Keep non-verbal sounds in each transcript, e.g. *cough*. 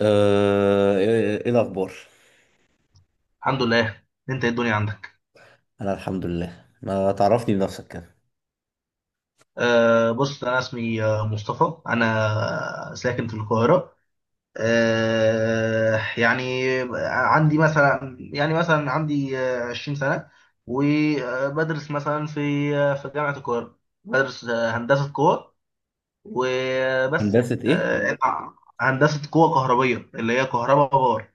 إيه الاخبار؟ الحمد لله. انت ايه الدنيا عندك؟ انا الحمد لله، ما تعرفني بنفسك كده؟ بص انا اسمي مصطفى. انا ساكن في القاهره. أه يعني عندي مثلا عندي 20 سنه، وبدرس مثلا في في جامعه القاهره. بدرس هندسه قوى. وبس هندسة يعني ايه؟ أه هندسه قوى كهربيه اللي هي كهرباء باور.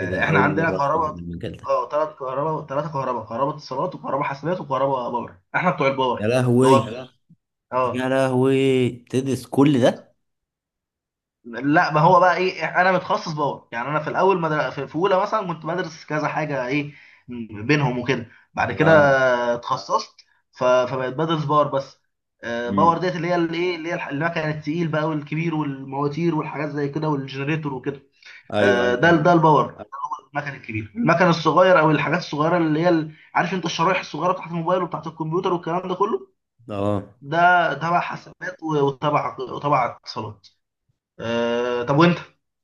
ايه ده، احنا اول عندنا مرة اسمع عن كهرباء. المجال ده. اه، ثلاث كهرباء، ثلاثه كهرباء كهرباء اتصالات وكهرباء حاسبات وكهرباء باور. احنا بتوع الباور يا اللي لهوي. هو كده. يا اه، لهوي، تدرس كل ده؟ لا، ما هو بقى ايه، انا متخصص باور. يعني انا في الاول مدر... في في اولى مثلا كنت بدرس كذا حاجه ايه بينهم وكده. بعد كده اه. اتخصصت. فبقيت بدرس باور بس. باور امم. ديت اللي هي الايه اللي هي الح- المكنه التقيل بقى والكبير والمواتير والحاجات زي كده والجنريتور وكده. ايوه، ايوه، ده فاهم قصدك. الباور. المكن الكبير المكن الصغير او الحاجات الصغيره اللي هي عارف انت الشرايح الصغيره بتاعت الموبايل وبتاعت الكمبيوتر والكلام ده كله. اه. ده تبع حسابات وتبع اتصالات. آه طب وانت؟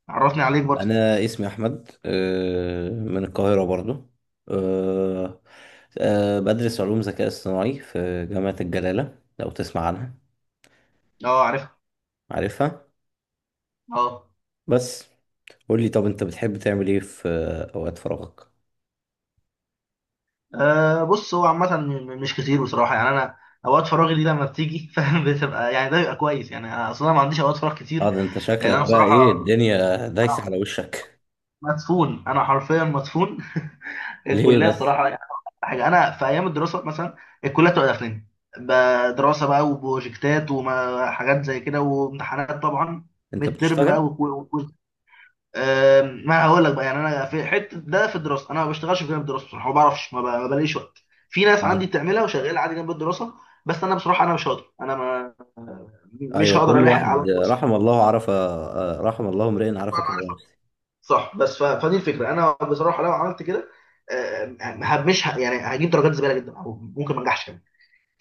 عرفني عليك برضه. انا اسمي احمد، من القاهرة برضو. آه، بدرس علوم ذكاء اصطناعي في جامعة الجلالة، لو تسمع عنها. اه، عارفها. عارفها. اه. بس. قول لي، طب انت بتحب تعمل ايه في اوقات فراغك؟ بص، هو عامه مش كتير بصراحه. يعني انا اوقات فراغي دي لما بتيجي *laughs* فاهم، بتبقى يعني ده بيبقى كويس. يعني انا اصلا ما عنديش اوقات فراغ اه، كتير. ده انت لان انا شكلك بقى ايه، بصراحه الدنيا دايسة على وشك. مدفون. انا حرفيا مدفون ليه الكليه، بس؟ الصراحه يعني حاجه. انا في ايام الدراسه مثلا الكليه بتبقى داخلين دراسه بقى وبروجكتات وحاجات زي كده وامتحانات طبعا، انت ميد ترم بقى بتشتغل؟ وكويز. ما هقول لك بقى، يعني انا في حته ده في الدراسه انا ما بشتغلش في جانب الدراسه. بصراحه ما بعرفش، ما ما بلاقيش وقت. في ناس عندي اه. بتعملها وشغاله عادي جنب الدراسه، بس انا بصراحه انا مش هقدر. انا ما مش ايوه، هقدر كل *laughs* الاحق واحد على. رحم الله امرئ عرف أنا عارف، قدر نفسه. صح. بس فدي الفكره. انا بصراحه لو عملت كده أم، ه- مش ه... يعني هجيب درجات زباله جدا، او ممكن ما انجحش كمان.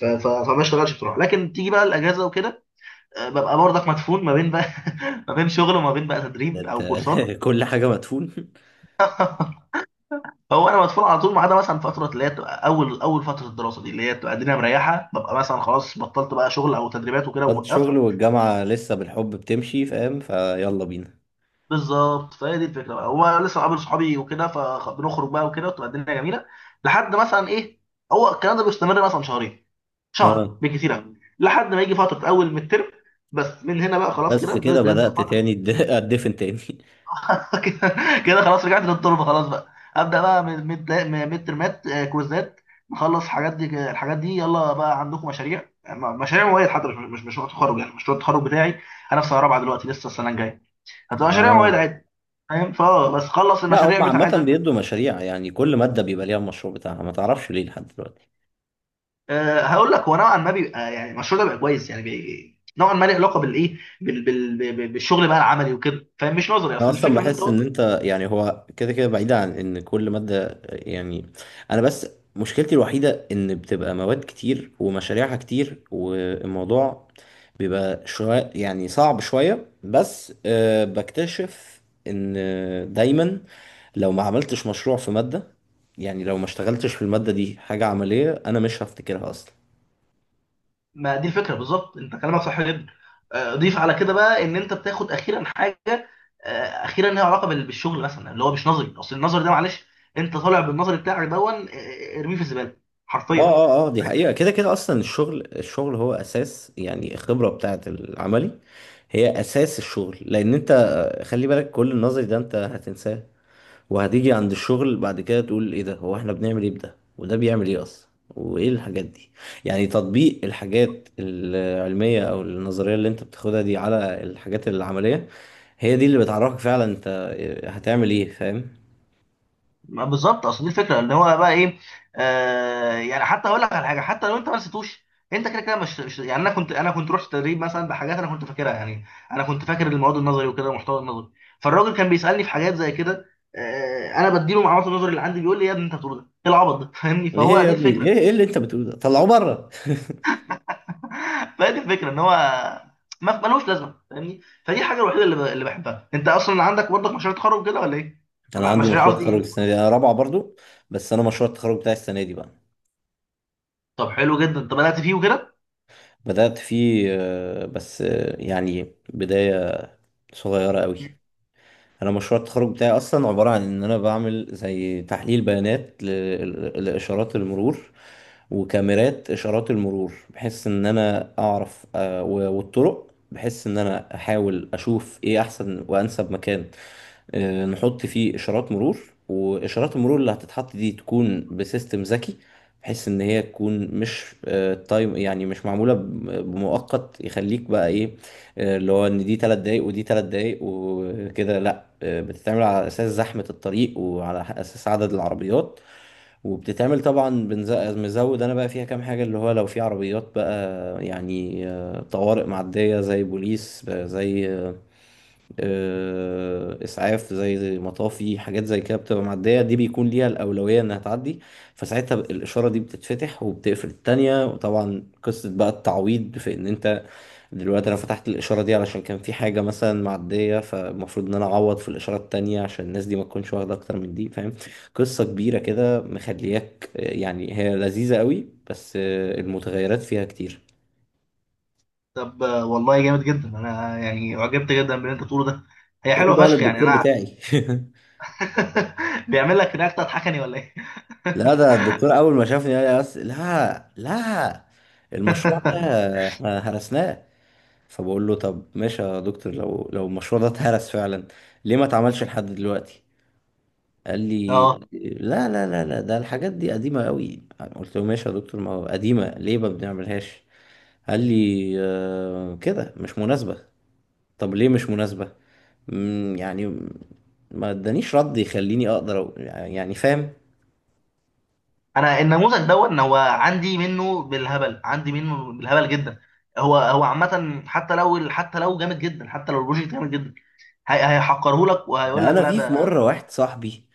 فما اشتغلش بصراحه. لكن تيجي بقى الاجازه وكده، ببقى برضك مدفون ما بين بقى *laughs* ما بين شغل وما بين بقى ده تدريب انت او كورسات. *laughs* كل حاجة مدفون. هو انا مدفون على طول، ما عدا مثلا فتره اللي هي بتبقى اول فتره الدراسه دي، اللي هي بتبقى الدنيا مريحه. ببقى مثلا خلاص، بطلت بقى شغل او تدريبات وكده بطلت ووقفت. شغل والجامعة لسه بالحب بتمشي، فاهم فيلا بينا؟ بالظبط، فهي دي الفكره بقى. هو لسه قابل صحابي وكده فبنخرج بقى وكده، وتبقى الدنيا جميله لحد مثلا ايه. هو الكلام ده بيستمر مثلا شهرين، اه، شهر بالكتير قوي، لحد ما يجي فتره اول من الترم. بس من هنا بقى خلاص كده بس كده بنبدا. بدأت تاني *laughs* اتدفن تاني. *laughs* كده خلاص رجعت للتربه خلاص بقى. ابدا بقى من ميد، ميد ترمات، كويزات. نخلص الحاجات دي، الحاجات دي يلا بقى. عندكم مشاريع مشاريع مواد حتى، مش مشروع تخرج؟ يعني مشروع التخرج بتاعي، انا في سنه رابعه دلوقتي، لسه السنه الجايه هتبقى مشاريع اه. مواد عادي. فاهم؟ فا بس خلص لا، المشاريع هم عامة بتاعتك. بيدوا مشاريع، يعني كل مادة بيبقى ليها المشروع بتاعها، ما تعرفش ليه لحد دلوقتي. أه هقول لك، هو نوعا ما بيبقى، يعني المشروع ده بيبقى كويس. يعني نوعا ما له علاقه بالايه بال- بال- بال- بالشغل بقى العملي وكده، فاهم؟ مش نظري. انا اصل اصلا الفكره ان انت بحس ان انت، يعني هو كده كده بعيد عن ان كل ماده، يعني. انا بس، مشكلتي الوحيده ان بتبقى مواد كتير ومشاريعها كتير، والموضوع بيبقى شويه يعني صعب شويه، بس بكتشف ان دايما لو ما عملتش مشروع في ماده، يعني لو ما اشتغلتش في الماده دي حاجه عمليه، انا مش هفتكرها اصلا. ما دي الفكره بالظبط، انت كلامك صح جدا. ضيف على كده بقى ان انت بتاخد اخيرا حاجه اخيرا ليها علاقه بالشغل، مثلا اللي هو مش نظري. اصل النظري ده معلش، انت طالع بالنظري بتاعك دون ارميه في الزباله اه، حرفيا. اه، اه، دي حقيقة كده كده، اصلا الشغل الشغل هو اساس، يعني الخبرة بتاعت العملي هي اساس الشغل، لان انت خلي بالك، كل النظري ده انت هتنساه، وهتيجي عند الشغل بعد كده تقول ايه ده، هو احنا بنعمل ايه، بده وده بيعمل ايه اصلا، وايه الحاجات دي. يعني تطبيق الحاجات العلمية او النظرية اللي انت بتاخدها دي على الحاجات العملية، هي دي اللي بتعرفك فعلا انت هتعمل ايه، فاهم؟ ما بالظبط، اصل دي الفكره ان هو بقى ايه. آه، يعني حتى اقول لك على حاجه، حتى لو انت ما نسيتوش انت كده كده يعني انا كنت رحت تدريب مثلا بحاجات انا كنت فاكرها. يعني انا كنت فاكر المواد النظري وكده والمحتوى النظري. فالراجل كان بيسالني في حاجات زي كده، آه انا بديله معلومات النظري اللي عندي، بيقول لي يا ابني انت بتقول ده، ايه العبط ده؟ *laughs* فاهمني؟ ايه فهو يا دي ابني، الفكره. ايه ايه *laughs* اللي انت بتقوله ده؟ طلعوه بره! *laughs* فهي دي الفكره، ان هو ما ملوش لازمه، فاهمني؟ فدي الحاجه الوحيده اللي اللي بحبها. انت اصلا عندك برضك مشاريع تخرج كده ولا ايه؟ انا عندي مشاريع مشروع قصدي تخرج ايه؟ السنه دي، انا رابعه برضو. بس انا مشروع التخرج بتاعي السنه دي بقى. طب حلو جدا، انت بدات فيه وكده. بدات فيه، بس يعني بدايه صغيره قوي. انا مشروع التخرج بتاعي اصلا عباره عن ان انا بعمل زي تحليل بيانات لاشارات المرور وكاميرات اشارات المرور، بحيث ان انا اعرف والطرق، بحيث ان انا احاول اشوف ايه احسن وانسب مكان نحط فيه اشارات مرور. واشارات المرور اللي هتتحط دي تكون بسيستم ذكي، بحيث ان هي تكون مش تايم، يعني مش معموله بمؤقت يخليك بقى ايه، اللي هو ان دي 3 دقايق ودي 3 دقايق وكده، لا، بتتعمل على اساس زحمه الطريق وعلى اساس عدد العربيات. وبتتعمل طبعا، مزود انا بقى فيها كام حاجه، اللي هو لو في عربيات بقى، يعني طوارئ معديه، زي بوليس، زي اسعاف، زي مطافي، حاجات زي كده بتبقى معديه، دي بيكون ليها الاولويه انها تعدي. فساعتها الاشاره دي بتتفتح وبتقفل التانيه، وطبعا قصه بقى التعويض في ان انت دلوقتي انا فتحت الاشاره دي علشان كان في حاجه مثلا معديه، فالمفروض ان انا اعوض في الاشاره التانيه عشان الناس دي ما تكونش واخده اكتر من دي، فاهم. قصه كبيره كده مخلياك، يعني هي لذيذه قوي، بس المتغيرات فيها كتير. طب والله جامد جدا، انا يعني اعجبت جدا باللي انت بتقوله ده. هي قول حلوه بقى فشخ، يعني للدكتور انا. بتاعي. *laughs* *laughs* بيعمل لك رياكت تضحكني ولا ايه؟ لا، ده الدكتور اول ما شافني قال لي بس: لا، لا، المشروع ده *laughs* احنا هرسناه. فبقول له: طب ماشي يا دكتور، لو المشروع ده اتهرس فعلا، ليه ما اتعملش لحد دلوقتي؟ قال لي: اه، لا، لا، لا، لا، ده الحاجات دي قديمة قوي. قلت له: ماشي يا دكتور، ما هو قديمة ليه ما بنعملهاش؟ قال لي: كده مش مناسبة. طب ليه مش مناسبة؟ يعني ما ادانيش رد يخليني اقدر أقول- يعني فاهم. انا النموذج دون هو عندي منه بالهبل، عندي منه بالهبل جدا. هو هو عامه، حتى لو جامد جدا، حتى لو البروجكت جامد جدا، هيحقره لك وهيقول ده لك انا لا في ده، مره واحد صاحبي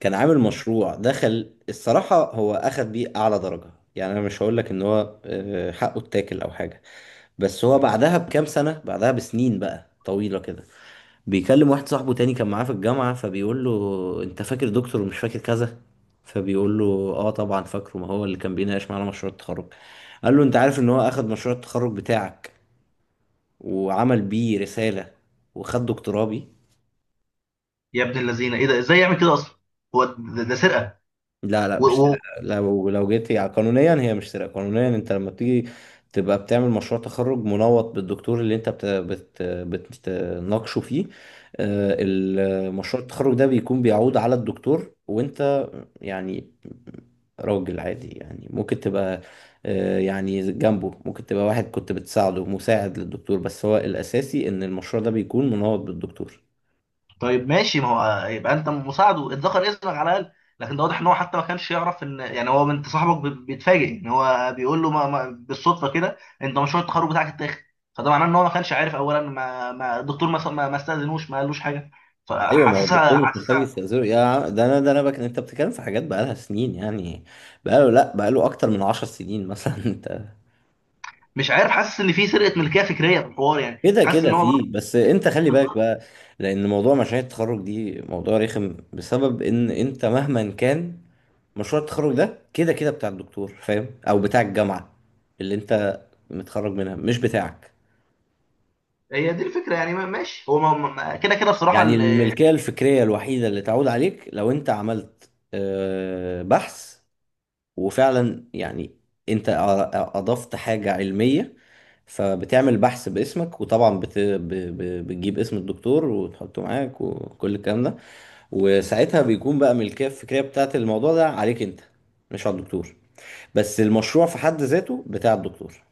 كان عامل مشروع، دخل الصراحة هو أخد بيه أعلى درجة، يعني أنا مش هقولك إن هو حقه اتاكل أو حاجة. بس هو ده- بعدها بكام سنة، بعدها بسنين بقى طويلة كده، بيكلم واحد صاحبه تاني كان معاه في الجامعة، فبيقول له: أنت فاكر دكتور ومش فاكر كذا؟ فبيقول له: آه، طبعا فاكره، ما هو اللي كان بيناقش معانا مشروع التخرج. قال له: أنت عارف إن هو أخد مشروع التخرج بتاعك وعمل بيه رسالة وخد دكتوراه بيه؟ يا ابن اللذينه، ايه ده؟ ازاي يعمل كده اصلا؟ هو ده، ده سرقه. لا، لا، و- مش و- سرقة، لو جيت يعني قانونيا هي مش سرقة، قانونيا انت لما بتيجي تبقى بتعمل مشروع تخرج منوط بالدكتور اللي انت بت بت بتناقشه فيه. المشروع التخرج ده بيكون بيعود على الدكتور، وانت يعني راجل عادي، يعني ممكن تبقى يعني جنبه، ممكن تبقى واحد كنت بتساعده، مساعد للدكتور، بس هو الأساسي ان المشروع ده بيكون منوط بالدكتور. طيب ماشي، ما هو يبقى انت مساعده اتذكر اسمك على الاقل. لكن ده واضح ان هو حتى ما كانش يعرف، ان يعني هو انت صاحبك بيتفاجئ ان هو بيقول له، ما ما بالصدفه كده انت مشروع التخرج بتاعك اتاخد. فده معناه ان هو ما كانش عارف اولا، ما الدكتور ما استاذنوش، ما قالوش حاجه. ايوه، ما هو الدكتور فحاسسها مش محتاج يستأذنه يا عم، ده انا بك، انت بتتكلم في حاجات بقالها سنين يعني، بقاله لا، بقاله اكتر من عشر سنين مثلا. *laughs* انت مش عارف، حاسس ان في سرقه ملكيه فكريه في الحوار. يعني كده حاسس كده ان هو برضه فيه، بس انت خلي بالك بقى، لان موضوع مشاريع التخرج دي موضوع رخم، بسبب ان انت مهما كان، مشروع التخرج ده كده كده بتاع الدكتور، فاهم، او بتاع الجامعة اللي انت متخرج منها، مش بتاعك. هي دي الفكره. يعني ماشي. هو كده كده بصراحه. يعني الملكية الفكرية الوحيدة اللي تعود عليك لو انت عملت بحث، وفعلا يعني انت اضفت حاجة علمية، فبتعمل بحث باسمك، وطبعا بتجيب اسم الدكتور وتحطه معاك، وكل الكلام ده. وساعتها بيكون بقى ملكية الفكرية بتاعت الموضوع ده عليك انت، مش على الدكتور. بس المشروع في حد ذاته بتاع الدكتور.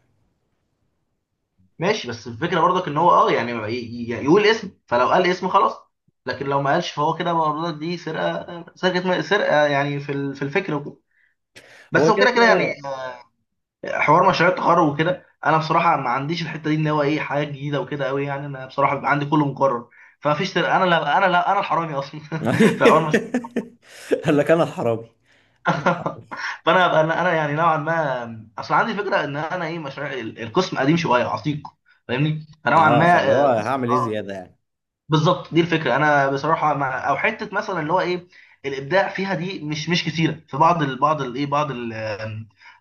ماشي، بس الفكره برضك ان هو اه يعني يعني يقول اسم. فلو قال اسم خلاص، لكن لو ما قالش فهو كده برضك دي سرقه، يعني في في الفكر وكده. بس هو كده وكده كده كده كده. يعني حوار مشاريع التخرج وكده، انا بصراحه ما عنديش الحته دي، ان هو ايه حاجه جديده وكده قوي. يعني انا بصراحه بيبقى عندي كله مقرر، فما فيش سرقه. انا لا، انا الحرامي اصلا. *laughs* في حوار *laughs* قال لك انا الحرامي؟ انا الحرامي. فانا انا أنا يعني نوعا ما اصل عندي فكره ان انا ايه مشاريع القسم قديم شويه عتيق، فاهمني؟ فنوعا اه، فاللي ما هو هعمل ايه اه زيادة يعني؟ بالظبط، دي الفكره. انا بصراحه مع او حته مثلا اللي هو ايه الابداع فيها دي، مش كتيره في بعض ال بعض الايه بعض ال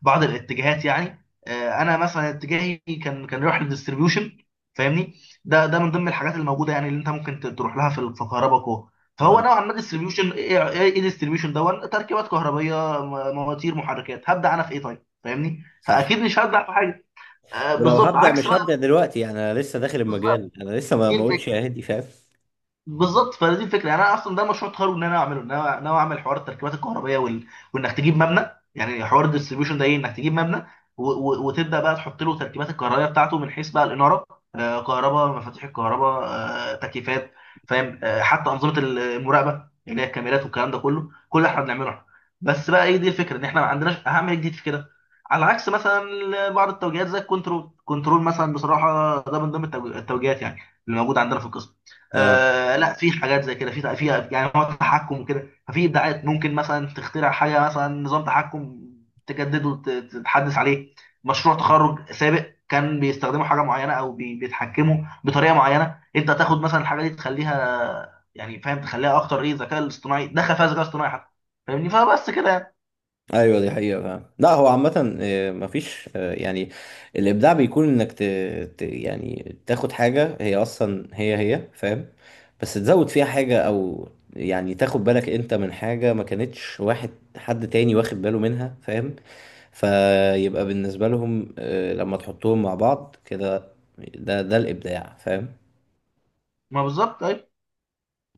بعض الاتجاهات. يعني انا مثلا اتجاهي كان يروح للديستريبيوشن، فاهمني؟ ده ده من ضمن الحاجات الموجوده يعني، اللي انت ممكن تروح لها في في كهرباء. فهو اه. نوعا ما ديستريبيوشن ايه ايه إيه ديستريبيوشن دون تركيبات كهربائيه، مواتير، محركات. هبدا انا في ايه؟ طيب فاهمني؟ صح. فاكيد مش هبدا في حاجه ولو بالظبط هبدأ عكس مش بقى. هبدأ دلوقتي، انا لسه داخل المجال، بالظبط انا لسه ما دي ما قلتش الفكره. يا هادي، فاهم. بالظبط فدي الفكره، يعني انا اصلا ده مشروع تخرج ان انا اعمله. ان انا ناوي اعمل حوار التركيبات الكهربائيه وانك تجيب مبنى. يعني حوار الديستريبيوشن ده ايه، انك تجيب مبنى وتبدا بقى تحط له تركيبات الكهربائيه بتاعته من حيث بقى الاناره، آه كهرباء، مفاتيح الكهرباء، آه تكييفات، فاهم؟ آه حتى انظمه المراقبه اللي هي الكاميرات والكلام ده كله، كل اللي احنا بنعمله احنا. بس بقى ايه دي الفكره، ان احنا ما عندناش اهم حاجه جديد في كده. على عكس مثلا بعض التوجيهات زي الكنترول. كنترول مثلا بصراحه ده من ضمن التوجيهات، يعني اللي موجوده عندنا في القسم. اه، آه لا، في حاجات زي كده، في في يعني هو تحكم وكده، ففي ابداعات، ممكن مثلا تخترع حاجه مثلا نظام تحكم تجدده تتحدث عليه. مشروع تخرج سابق كان بيستخدموا حاجه معينه او بيتحكموا بطريقه معينه. انت تاخد مثلا الحاجه دي تخليها، يعني فاهم؟ تخليها اكتر ايه، ذكاء الاصطناعي دخل فيها، ذكاء اصطناعي حتى، فاهمني؟ فبس كده يعني. ايوه، دي حقيقة فعلا، لا هو عامة مفيش، يعني الابداع بيكون انك يعني تاخد حاجة هي اصلا هي هي، فاهم، بس تزود فيها حاجة، او يعني تاخد بالك انت من حاجة ما كانتش واحد، حد تاني واخد باله منها، فاهم، فيبقى بالنسبة لهم، لما تحطهم مع بعض كده، ده الابداع، فاهم. ما بالظبط، أيوة.